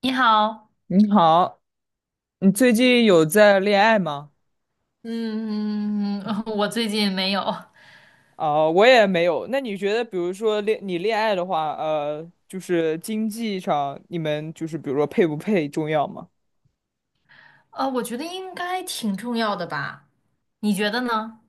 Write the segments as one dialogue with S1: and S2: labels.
S1: 你好，
S2: 你好，你最近有在恋爱吗？
S1: 嗯，我最近没有，
S2: 哦，我也没有。那你觉得，比如说你恋爱的话，就是经济上，你们就是比如说配不配重要吗？
S1: 我觉得应该挺重要的吧，你觉得呢？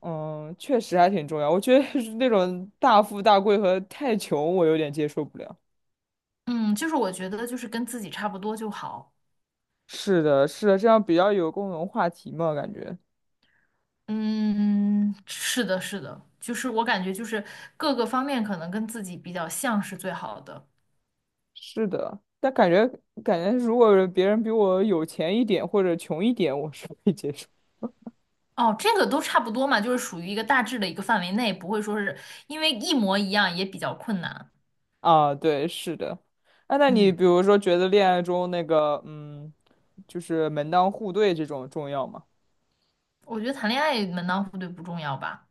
S2: 嗯，确实还挺重要。我觉得是那种大富大贵和太穷，我有点接受不了。
S1: 嗯，就是我觉得就是跟自己差不多就好，
S2: 是的，是的，这样比较有共同话题嘛，感觉
S1: 嗯，是的，是的，就是我感觉就是各个方面可能跟自己比较像是最好的。
S2: 是的。但感觉，如果别人比我有钱一点或者穷一点，我是可以接受。
S1: 哦，这个都差不多嘛，就是属于一个大致的一个范围内，不会说是因为一模一样也比较困难。
S2: 啊，对，是的。啊，那你
S1: 嗯，
S2: 比如说觉得恋爱中那个，嗯，就是门当户对这种重要吗？
S1: 我觉得谈恋爱门当户对不重要吧？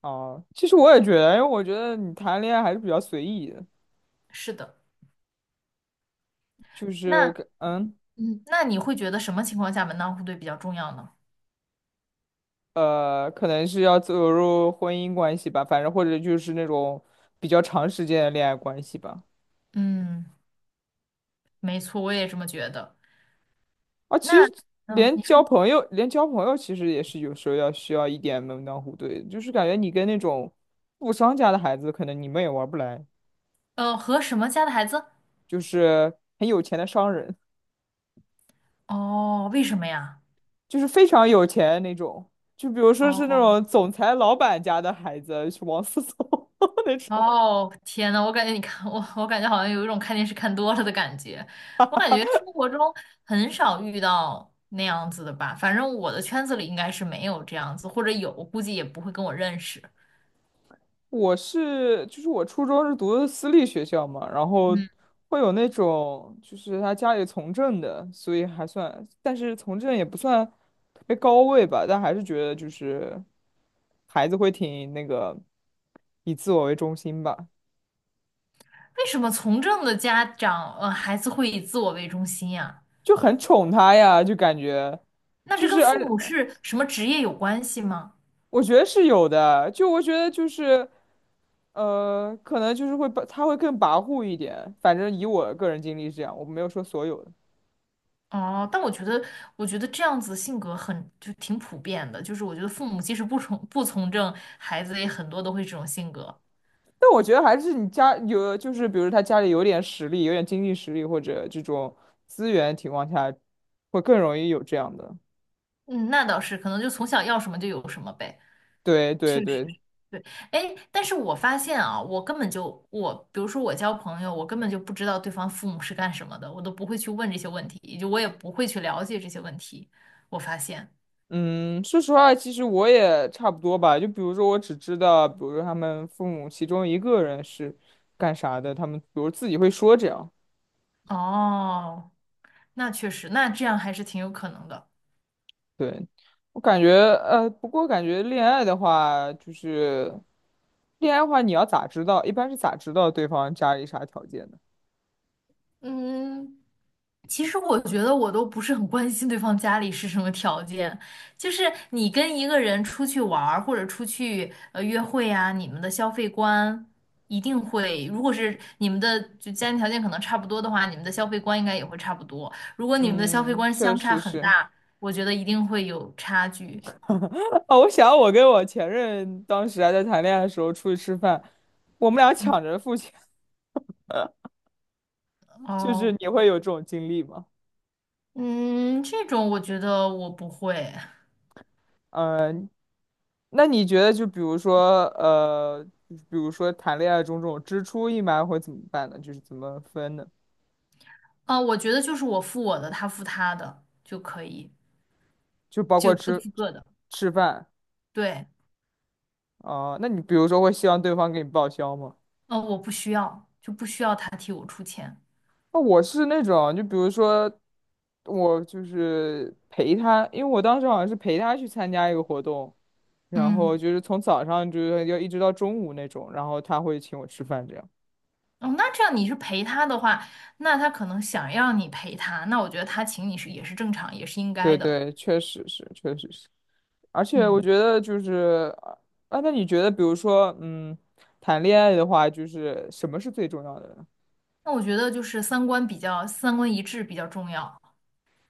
S2: 啊，其实我也觉得，因为我觉得你谈恋爱还是比较随意的，
S1: 是的。
S2: 就是
S1: 那
S2: 可嗯
S1: 嗯，那你会觉得什么情况下门当户对比较重要呢？
S2: 呃，可能是要走入婚姻关系吧，反正或者就是那种比较长时间的恋爱关系吧。
S1: 嗯，没错，我也这么觉得。
S2: 啊，其
S1: 那
S2: 实
S1: 嗯，
S2: 连
S1: 你
S2: 交
S1: 说
S2: 朋友，连交朋友其实也是有时候要需要一点门当户对的，就是感觉你跟那种富商家的孩子，可能你们也玩不来。
S1: 和什么家的孩子？
S2: 就是很有钱的商人，
S1: 哦，为什么呀？
S2: 就是非常有钱那种，就比如说是那
S1: 哦
S2: 种总裁老板家的孩子，是王思聪 那种。
S1: 哦，天呐，我感觉你看我，我感觉好像有一种看电视看多了的感觉。我感觉生活中很少遇到那样子的吧，反正我的圈子里应该是没有这样子，或者有，估计也不会跟我认识。
S2: 就是我初中是读的私立学校嘛，然后
S1: 嗯，
S2: 会有那种，就是他家里从政的，所以还算，但是从政也不算特别高位吧，但还是觉得就是孩子会挺那个，以自我为中心吧，
S1: 为什么从政的家长，孩子会以自我为中心呀？
S2: 就很宠他呀，就感觉
S1: 那
S2: 就
S1: 这
S2: 是
S1: 跟父母
S2: 而。
S1: 是什么职业有关系吗？
S2: 我觉得是有的，就我觉得就是，呃，可能就是会把他会更跋扈一点。反正以我个人经历是这样，我没有说所有的，
S1: 哦，但我觉得，我觉得这样子性格很，就挺普遍的。就是我觉得父母即使不从政，孩子也很多都会这种性格。
S2: 但我觉得还是你家有，就是比如他家里有点实力，有点经济实力或者这种资源情况下，会更容易有这样的。
S1: 嗯，那倒是，可能就从小要什么就有什么呗。
S2: 对
S1: 确
S2: 对
S1: 实
S2: 对，
S1: 是对。哎，但是我发现啊，我根本就我，比如说我交朋友，我根本就不知道对方父母是干什么的，我都不会去问这些问题，也就我也不会去了解这些问题。我发现，
S2: 嗯，说实话，其实我也差不多吧。就比如说，我只知道，比如说他们父母其中一个人是干啥的，他们比如自己会说这样。
S1: 哦，那确实，那这样还是挺有可能的。
S2: 对，我感觉，呃，不过感觉恋爱的话，你要咋知道？一般是咋知道对方家里啥条件的？
S1: 嗯，其实我觉得我都不是很关心对方家里是什么条件，就是你跟一个人出去玩儿或者出去约会啊，你们的消费观一定会，如果是你们的就家庭条件可能差不多的话，你们的消费观应该也会差不多。如果你们的消费
S2: 嗯，
S1: 观
S2: 确
S1: 相差
S2: 实
S1: 很
S2: 是。
S1: 大，我觉得一定会有差距。
S2: 哦，我想我跟我前任当时还在谈恋爱的时候出去吃饭，我们俩抢着付钱，就是
S1: 哦，
S2: 你会有这种经历吗？
S1: 嗯，这种我觉得我不会，
S2: 嗯、那你觉得就比如说，呃，就是比如说谈恋爱中这种支出一般会怎么办呢？就是怎么分呢？
S1: 啊，我觉得就是我付我的，他付他的就可以，
S2: 就包括
S1: 就各
S2: 吃
S1: 付各的，
S2: 吃饭。
S1: 对。
S2: 啊，那你比如说会希望对方给你报销吗？
S1: 哦，我不需要，就不需要他替我出钱。
S2: 那我是那种，就比如说我就是陪他，因为我当时好像是陪他去参加一个活动，然后
S1: 嗯，
S2: 就是从早上就是要一直到中午那种，然后他会请我吃饭这样。
S1: 哦，那这样你是陪他的话，那他可能想要你陪他，那我觉得他请你是也是正常，也是应该
S2: 对
S1: 的。
S2: 对，确实是，确实是，而且我
S1: 嗯，
S2: 觉得就是啊，那你觉得比如说嗯，谈恋爱的话，就是什么是最重要的呢？
S1: 那我觉得就是三观一致比较重要，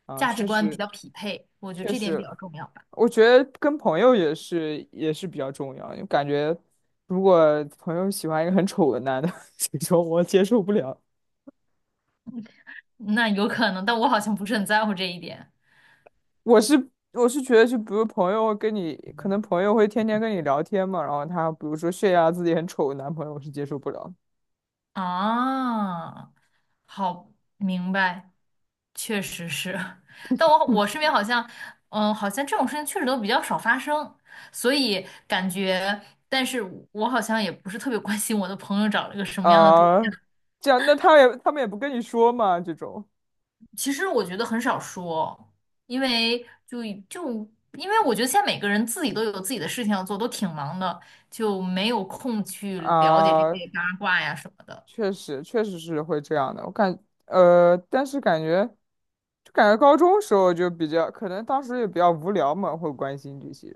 S2: 啊，
S1: 价值
S2: 确
S1: 观比
S2: 实，
S1: 较匹配，我觉得
S2: 确
S1: 这点比
S2: 实。
S1: 较重要吧。
S2: 我觉得跟朋友也是比较重要，因为感觉如果朋友喜欢一个很丑的男的，这种我接受不了。
S1: 那有可能，但我好像不是很在乎这一点
S2: 我是觉得，就比如朋友跟你，可能朋友会天天跟你聊天嘛，然后他比如说炫耀自己很丑的男朋友，我是接受不了
S1: 啊。好，明白。确实是，但我身边好像，嗯，好像这种事情确实都比较少发生，所以感觉，但是我好像也不是特别关心我的朋友找了个什么样的对
S2: 啊。
S1: 象。
S2: 这样，那他们也不跟你说嘛，这种
S1: 其实我觉得很少说，因为就就因为我觉得现在每个人自己都有自己的事情要做，都挺忙的，就没有空去了解这
S2: 啊，
S1: 些八卦呀什么的。
S2: 确实确实是会这样的。但是感觉就感觉高中时候就比较，可能当时也比较无聊嘛，会关心这些。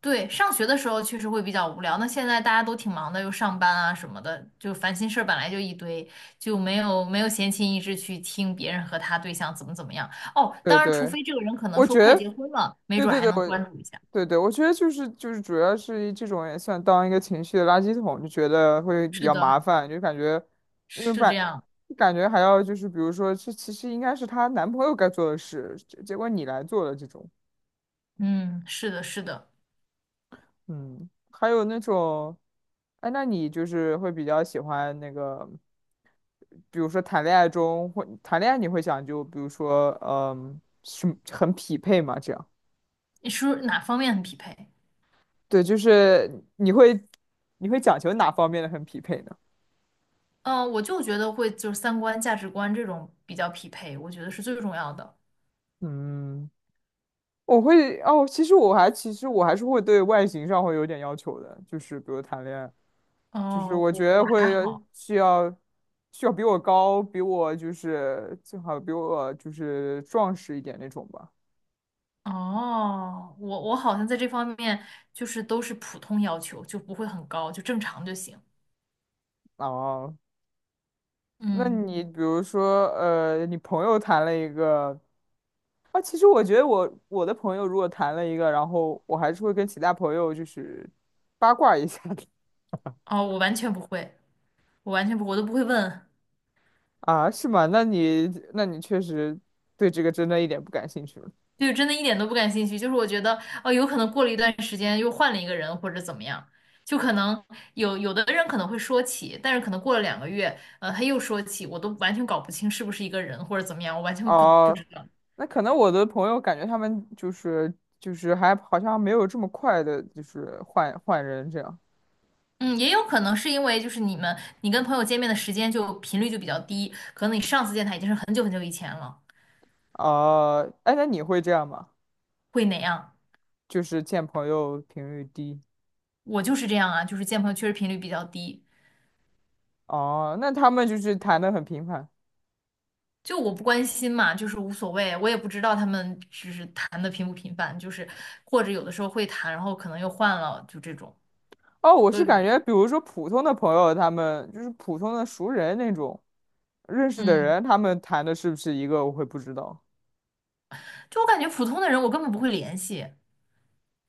S1: 对，上学的时候确实会比较无聊。那现在大家都挺忙的，又上班啊什么的，就烦心事儿本来就一堆，就没有闲情逸致去听别人和他对象怎么怎么样。哦，
S2: 对
S1: 当然，除
S2: 对，
S1: 非这个人可能
S2: 我
S1: 说
S2: 觉
S1: 快
S2: 得，
S1: 结婚了，没
S2: 对
S1: 准儿
S2: 对
S1: 还
S2: 对，
S1: 能关注一下。
S2: 对对，我觉得就是主要是这种也算当一个情绪的垃圾桶，就觉得会比
S1: 是
S2: 较麻
S1: 的，
S2: 烦，就感觉，因为
S1: 是
S2: 把
S1: 这样。
S2: 感觉还要就是比如说，这其实应该是她男朋友该做的事，结果你来做了这种，
S1: 嗯，是的，是的。
S2: 嗯，还有那种，哎，那你就是会比较喜欢那个，比如说谈恋爱中会谈恋爱，你会讲究，比如说，嗯，是很匹配嘛，这样。
S1: 你是哪方面很匹配？
S2: 对，就是你会讲求哪方面的很匹配呢？
S1: 嗯，我就觉得会就是三观、价值观这种比较匹配，我觉得是最重要的。
S2: 嗯，我会哦，其实我还是会对外形上会有点要求的，就是比如谈恋爱，就是
S1: 哦，
S2: 我
S1: 我
S2: 觉得
S1: 我还
S2: 会
S1: 好。
S2: 需要需要比我高，比我就是最好比我就是壮实一点那种吧。
S1: 哦，我好像在这方面就是都是普通要求，就不会很高，就正常就行。
S2: 哦，那
S1: 嗯，
S2: 你比如说呃，你朋友谈了一个啊，其实我觉得我的朋友如果谈了一个，然后我还是会跟其他朋友就是八卦一下的。
S1: 哦，我完全不会，我完全不，我都不会问，
S2: 啊，是吗？那你确实对这个真的一点不感兴趣了。
S1: 就真的一点都不感兴趣。就是我觉得，哦，有可能过了一段时间又换了一个人或者怎么样，就可能有的人可能会说起，但是可能过了两个月，他又说起，我都完全搞不清是不是一个人或者怎么样，我完全不
S2: 哦，
S1: 知道。
S2: 那可能我的朋友感觉他们就是还好像没有这么快的，就是换人这样。
S1: 嗯，也有可能是因为就是你跟朋友见面的时间就频率就比较低，可能你上次见他已经是很久很久以前了，
S2: 哦，哎，那你会这样吗？
S1: 会哪样？
S2: 就是见朋友频率低。
S1: 我就是这样啊，就是见朋友确实频率比较低，
S2: 哦，那他们就是谈的很频繁。
S1: 就我不关心嘛，就是无所谓，我也不知道他们就是谈的频不频繁，就是或者有的时候会谈，然后可能又换了，就这种
S2: 哦，我
S1: 都
S2: 是
S1: 有。
S2: 感觉，比如说普通的朋友，他们就是普通的熟人那种认识的
S1: 嗯，
S2: 人，他们谈的是不是一个，我会不知道。
S1: 就我感觉普通的人我根本不会联系，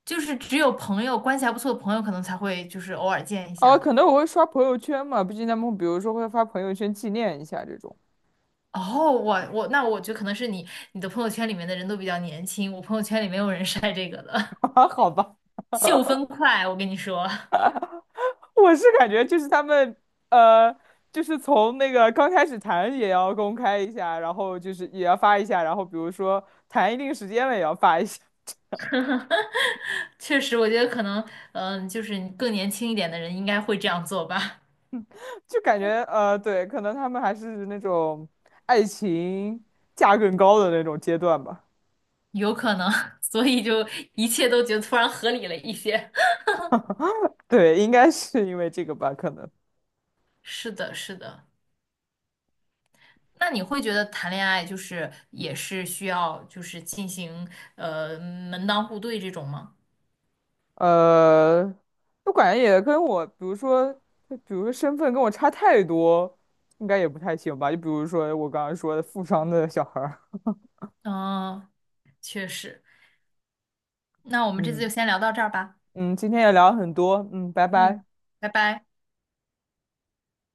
S1: 就是只有朋友关系还不错的朋友可能才会就是偶尔见一
S2: 哦，
S1: 下。
S2: 可能我会刷朋友圈嘛，毕竟他们比如说会发朋友圈纪念一下这种。
S1: 哦，那我觉得可能是你的朋友圈里面的人都比较年轻，我朋友圈里没有人晒这个的，
S2: 啊，好吧，
S1: 秀分快，我跟你说，
S2: 我是感觉就是他们呃，就是从那个刚开始谈也要公开一下，然后就是也要发一下，然后比如说谈一定时间了也要发一下，
S1: 确实，我觉得可能，嗯，就是你更年轻一点的人应该会这样做吧，
S2: 就感觉对，可能他们还是那种爱情价更高的那种阶段吧。
S1: 有可能，所以就一切都觉得突然合理了一些。
S2: 对，应该是因为这个吧，可能。
S1: 是的，是的。那你会觉得谈恋爱就是也是需要就是进行门当户对这种吗？
S2: 呃，我感觉也跟我，比如说，就比如说身份跟我差太多，应该也不太行吧。就比如说我刚刚说的富商的小孩儿，
S1: 嗯，确实。那我 们这次就
S2: 嗯，
S1: 先聊到这儿吧。
S2: 嗯，今天也聊了很多，嗯，拜
S1: 嗯，
S2: 拜。
S1: 拜拜。